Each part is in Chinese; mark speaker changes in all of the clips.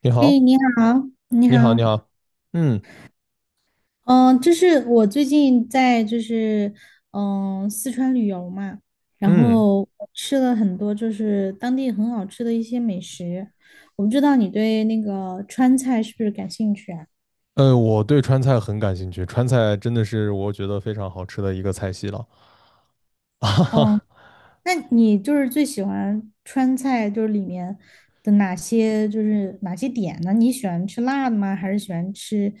Speaker 1: 你
Speaker 2: 哎，
Speaker 1: 好，
Speaker 2: 你好，你好。
Speaker 1: 你好，你好。嗯
Speaker 2: 我最近在四川旅游嘛，然
Speaker 1: 嗯。
Speaker 2: 后我吃了很多就是当地很好吃的一些美食。我不知道你对那个川菜是不是感兴趣啊？
Speaker 1: 我对川菜很感兴趣，川菜真的是我觉得非常好吃的一个菜系了。
Speaker 2: 嗯，
Speaker 1: 啊。
Speaker 2: 那你最喜欢川菜里面的哪些哪些点呢？你喜欢吃辣的吗？还是喜欢吃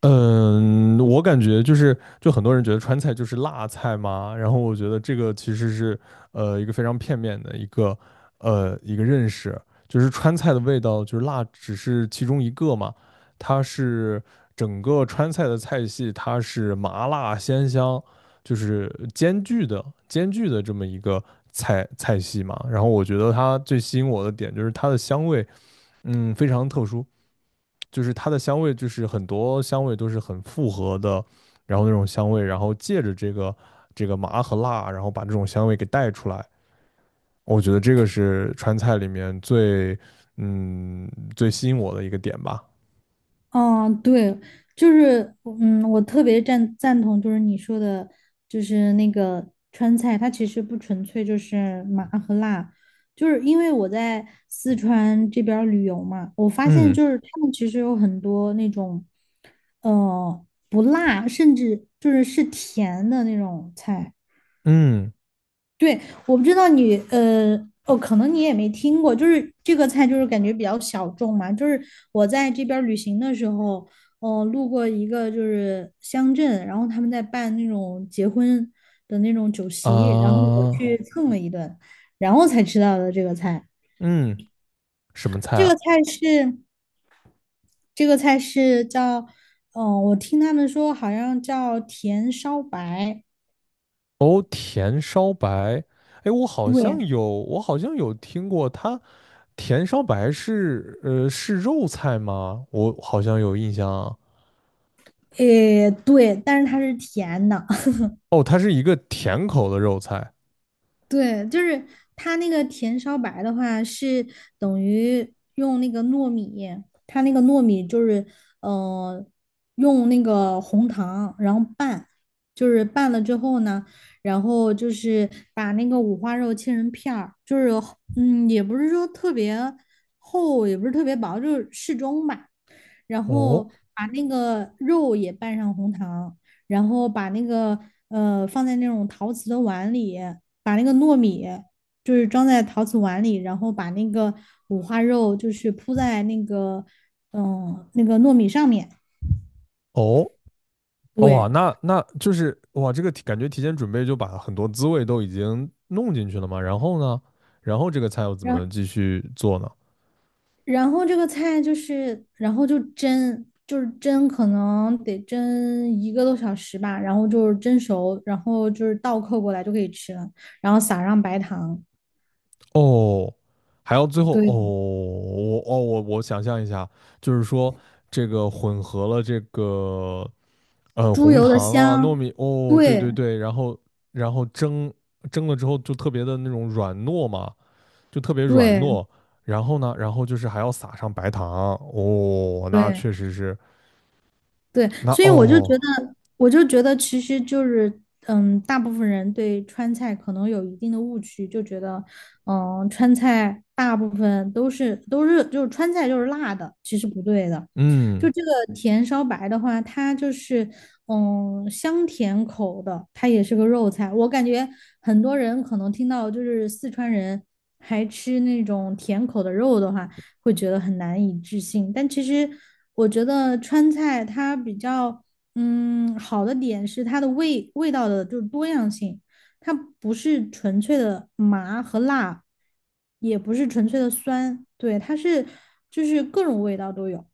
Speaker 1: 嗯，我感觉就是，就很多人觉得川菜就是辣菜嘛，然后我觉得这个其实是一个非常片面的一个一个认识，就是川菜的味道就是辣只是其中一个嘛，它是整个川菜的菜系，它是麻辣鲜香就是兼具的这么一个菜系嘛，然后我觉得它最吸引我的点就是它的香味。嗯，非常特殊。就是它的香味就是很多香味都是很复合的，然后那种香味，然后借着这个麻和辣，然后把这种香味给带出来。我觉得这个是川菜里面最嗯最吸引我的一个点吧。
Speaker 2: 嗯，对，就是，嗯，我特别赞同，就是你说的，就是那个川菜，它其实不纯粹就是麻和辣，就是因为我在四川这边儿旅游嘛，我发现
Speaker 1: 嗯
Speaker 2: 就是他们其实有很多那种，不辣，甚至是甜的那种菜。
Speaker 1: 嗯。
Speaker 2: 对，我不知道你，哦，可能你也没听过，就是这个菜，就是感觉比较小众嘛。就是我在这边儿旅行的时候，哦，路过一个就是乡镇，然后他们在办那种结婚的那种酒
Speaker 1: 啊、
Speaker 2: 席，然后我去蹭了一顿，然后才知道的这个菜。
Speaker 1: 嗯，什么菜
Speaker 2: 这个
Speaker 1: 啊？
Speaker 2: 菜是这个菜是叫，我听他们说好像叫甜烧白。
Speaker 1: 哦，甜烧白。哎，
Speaker 2: 对。
Speaker 1: 我好像有听过它。甜烧白是是肉菜吗？我好像有印象啊。
Speaker 2: 诶，对，但是它是甜的。
Speaker 1: 哦，它是一个甜口的肉菜。
Speaker 2: 对，就是它那个甜烧白的话，是等于用那个糯米，它那个糯米就是，呃，用那个红糖，然后拌，就是拌了之后呢，然后就是把那个五花肉切成片儿，就是，嗯，也不是说特别厚，也不是特别薄，就是适中吧。然后
Speaker 1: 哦
Speaker 2: 把那个肉也拌上红糖，然后把那个放在那种陶瓷的碗里，把那个糯米就是装在陶瓷碗里，然后把那个五花肉就是铺在那个那个糯米上面。
Speaker 1: 哦，哇，
Speaker 2: 对。
Speaker 1: 那就是哇，这个感觉提前准备就把很多滋味都已经弄进去了嘛。然后呢，然后这个菜要怎么
Speaker 2: 然
Speaker 1: 继续做呢？
Speaker 2: 然后这个菜就是然后就蒸。就是蒸，可能得蒸一个多小时吧，然后就是蒸熟，然后就是倒扣过来就可以吃了，然后撒上白糖。
Speaker 1: 哦，还要最后哦，
Speaker 2: 对，
Speaker 1: 我想象一下，就是说这个混合了这个
Speaker 2: 猪
Speaker 1: 红
Speaker 2: 油的
Speaker 1: 糖啊糯
Speaker 2: 香。
Speaker 1: 米哦，对
Speaker 2: 对
Speaker 1: 对对，然后然后蒸蒸了之后就特别的那种软糯嘛。就特别软
Speaker 2: 对
Speaker 1: 糯。然后呢，然后就是还要撒上白糖。哦，那
Speaker 2: 对。
Speaker 1: 确实是。
Speaker 2: 对，
Speaker 1: 那
Speaker 2: 所以我就觉
Speaker 1: 哦，
Speaker 2: 得，我就觉得其实就是，嗯，大部分人对川菜可能有一定的误区，就觉得，嗯，川菜大部分都是都是就是川菜就是辣的，其实不对的。就
Speaker 1: 嗯，
Speaker 2: 这个甜烧白的话，它就是嗯香甜口的，它也是个肉菜。我感觉很多人可能听到就是四川人还吃那种甜口的肉的话，会觉得很难以置信。但其实我觉得川菜它比较嗯好的点是它的味道的就是多样性。它不是纯粹的麻和辣，也不是纯粹的酸，对，它是就是各种味道都有。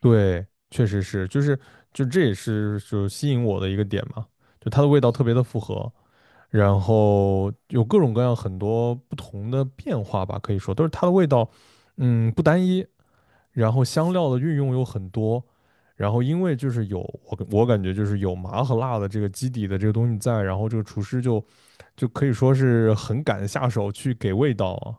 Speaker 1: 对，确实是，就是就这也是就吸引我的一个点嘛，就它的味道特别的复合，然后有各种各样很多不同的变化吧，可以说都是它的味道。嗯，不单一，然后香料的运用有很多，然后因为就是有我感觉就是有麻和辣的这个基底的这个东西在，然后这个厨师就可以说是很敢下手去给味道啊。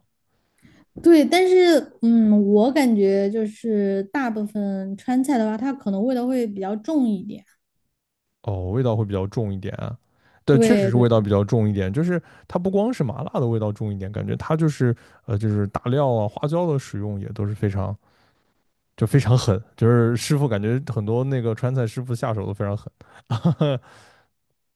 Speaker 2: 对，但是嗯，我感觉就是大部分川菜的话，它可能味道会比较重一点。
Speaker 1: 哦，味道会比较重一点啊。对，确实
Speaker 2: 对
Speaker 1: 是
Speaker 2: 对。
Speaker 1: 味道比较重一点，就是它不光是麻辣的味道重一点，感觉它就是就是大料啊花椒的使用也都是非常就非常狠，就是师傅感觉很多那个川菜师傅下手都非常狠。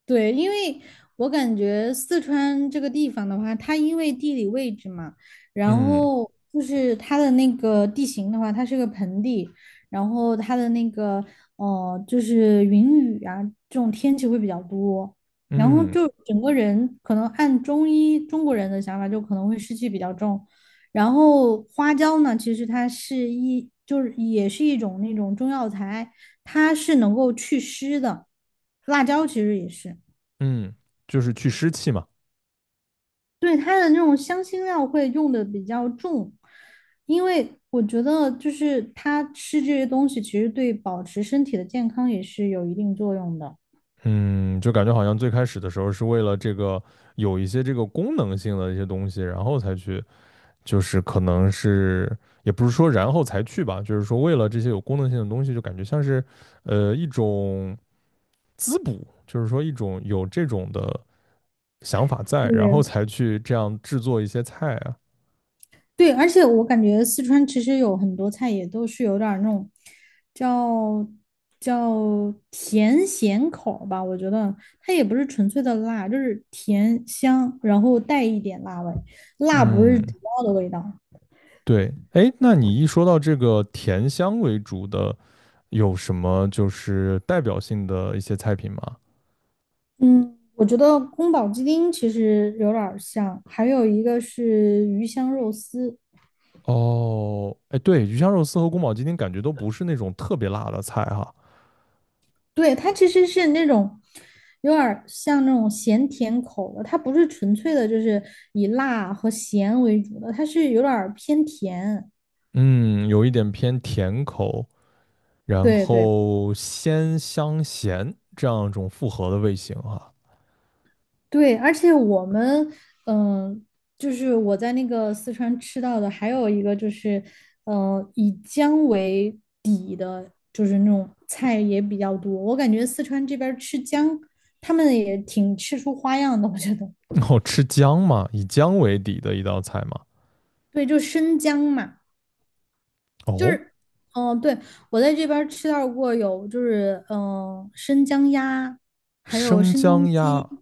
Speaker 2: 对，因为我感觉四川这个地方的话，它因为地理位置嘛，然
Speaker 1: 嗯
Speaker 2: 后就是它的那个地形的话，它是个盆地，然后它的那个就是云雨啊这种天气会比较多，然后
Speaker 1: 嗯
Speaker 2: 就整个人可能按中医中国人的想法，就可能会湿气比较重。然后花椒呢，其实它是一就是也是一种那种中药材，它是能够祛湿的，辣椒其实也是。
Speaker 1: 嗯，就是去湿气嘛。
Speaker 2: 对，它的那种香辛料会用的比较重，因为我觉得就是它吃这些东西，其实对保持身体的健康也是有一定作用的。
Speaker 1: 嗯，就感觉好像最开始的时候是为了这个有一些这个功能性的一些东西，然后才去，就是可能是也不是说然后才去吧，就是说为了这些有功能性的东西，就感觉像是一种滋补，就是说一种有这种的想法在，然
Speaker 2: 对。
Speaker 1: 后才去这样制作一些菜啊。
Speaker 2: 对，而且我感觉四川其实有很多菜也都是有点儿那种叫叫甜咸口儿吧，我觉得它也不是纯粹的辣，就是甜香，然后带一点辣味，辣不是
Speaker 1: 嗯，
Speaker 2: 主要的味道。
Speaker 1: 对，哎，那你一说到这个甜香为主的，有什么就是代表性的一些菜品吗？
Speaker 2: 嗯，我觉得宫保鸡丁其实有点儿像，还有一个是鱼香肉丝。
Speaker 1: 哦，哎，对，鱼香肉丝和宫保鸡丁感觉都不是那种特别辣的菜哈。
Speaker 2: 对，它其实是那种有点儿像那种咸甜口的，它不是纯粹的，就是以辣和咸为主的，它是有点儿偏甜。
Speaker 1: 嗯，有一点偏甜口，然
Speaker 2: 对对。
Speaker 1: 后鲜香咸这样一种复合的味型哈。
Speaker 2: 对，而且我们，嗯、就是我在那个四川吃到的，还有一个就是，以姜为底的，就是那种菜也比较多。我感觉四川这边儿吃姜，他们也挺吃出花样的，我觉得。
Speaker 1: 哦，吃姜嘛，以姜为底的一道菜嘛。
Speaker 2: 对，就生姜嘛，就
Speaker 1: 哦，
Speaker 2: 是，对，我在这边儿吃到过有，就是，生姜鸭，还有
Speaker 1: 生
Speaker 2: 生姜
Speaker 1: 姜鸭。
Speaker 2: 鸡。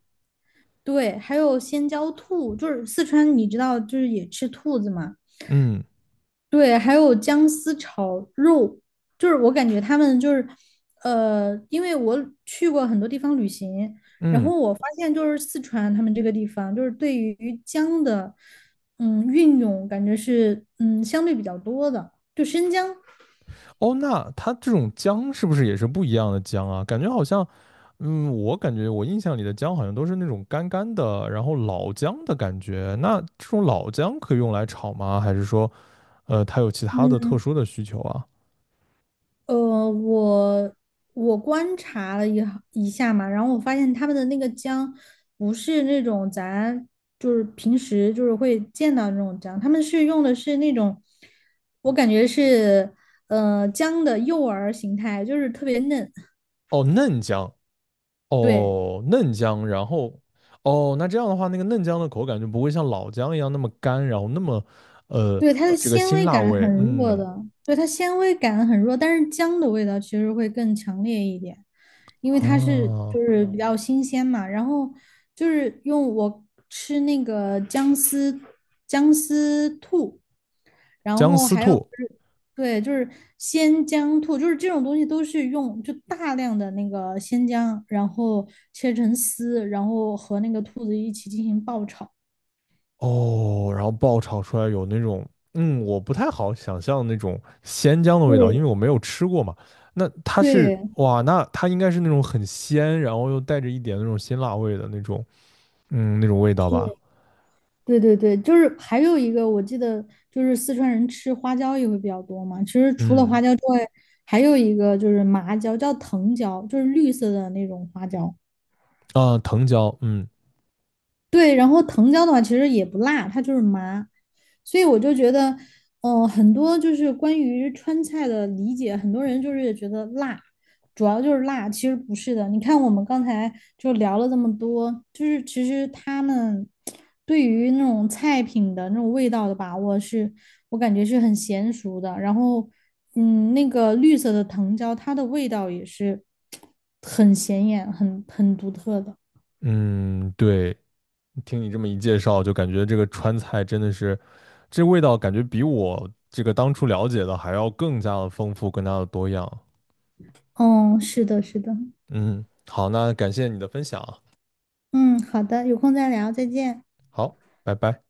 Speaker 2: 对，还有鲜椒兔，就是四川，你知道，就是也吃兔子嘛。
Speaker 1: 嗯。
Speaker 2: 对，还有姜丝炒肉，就是我感觉他们就是，因为我去过很多地方旅行，然
Speaker 1: 嗯，
Speaker 2: 后我发现就是四川他们这个地方，就是对于姜的，嗯，运用感觉是，嗯，相对比较多的，就生姜。
Speaker 1: 哦，那它这种姜是不是也是不一样的姜啊？感觉好像，嗯，我感觉我印象里的姜好像都是那种干干的，然后老姜的感觉。那这种老姜可以用来炒吗？还是说，它有其他的特
Speaker 2: 嗯。
Speaker 1: 殊的需求啊？
Speaker 2: 呃，我我观察了一下嘛，然后我发现他们的那个姜不是那种咱平时就是会见到那种姜，他们是用的是那种，我感觉是姜的幼儿形态，就是特别嫩。
Speaker 1: 哦，嫩姜。
Speaker 2: 对
Speaker 1: 哦，嫩姜，然后，哦，那这样的话，那个嫩姜的口感就不会像老姜一样那么干，然后那么，呃，
Speaker 2: 对，它的
Speaker 1: 这个
Speaker 2: 纤
Speaker 1: 辛
Speaker 2: 维
Speaker 1: 辣
Speaker 2: 感很
Speaker 1: 味。
Speaker 2: 弱
Speaker 1: 嗯。
Speaker 2: 的，对它纤维感很弱，但是姜的味道其实会更强烈一点。因为它是
Speaker 1: 啊，
Speaker 2: 就是比较新鲜嘛。然后就是用我吃那个姜丝兔，然
Speaker 1: 姜
Speaker 2: 后
Speaker 1: 丝
Speaker 2: 还有就
Speaker 1: 兔。
Speaker 2: 是对，就是鲜姜兔，就是这种东西都是用就大量的那个鲜姜，然后切成丝，然后和那个兔子一起进行爆炒。
Speaker 1: 哦，然后爆炒出来有那种，嗯，我不太好想象那种鲜姜的味道，因
Speaker 2: 对
Speaker 1: 为我没有吃过嘛。那它是，
Speaker 2: 对，
Speaker 1: 哇，那它应该是那种很鲜，然后又带着一点那种辛辣味的那种，嗯，那种味道吧。
Speaker 2: 是对对对，就是还有一个，我记得就是四川人吃花椒也会比较多嘛。其实除了
Speaker 1: 嗯。
Speaker 2: 花椒之外，还有一个就是麻椒，叫藤椒，就是绿色的那种花椒。
Speaker 1: 啊，藤椒。嗯
Speaker 2: 对，然后藤椒的话其实也不辣，它就是麻。所以我就觉得，很多就是关于川菜的理解，很多人就是觉得辣，主要就是辣，其实不是的。你看我们刚才就聊了这么多，就是其实他们对于那种菜品的那种味道的把握是，我感觉是很娴熟的。然后，嗯，那个绿色的藤椒，它的味道也是很显眼、很很独特的。
Speaker 1: 嗯，对，听你这么一介绍，就感觉这个川菜真的是，这味道感觉比我这个当初了解的还要更加的丰富，更加的多样。
Speaker 2: 嗯，是的，是的。
Speaker 1: 嗯，好，那感谢你的分享啊。
Speaker 2: 嗯，好的，有空再聊，再见。
Speaker 1: 好，拜拜。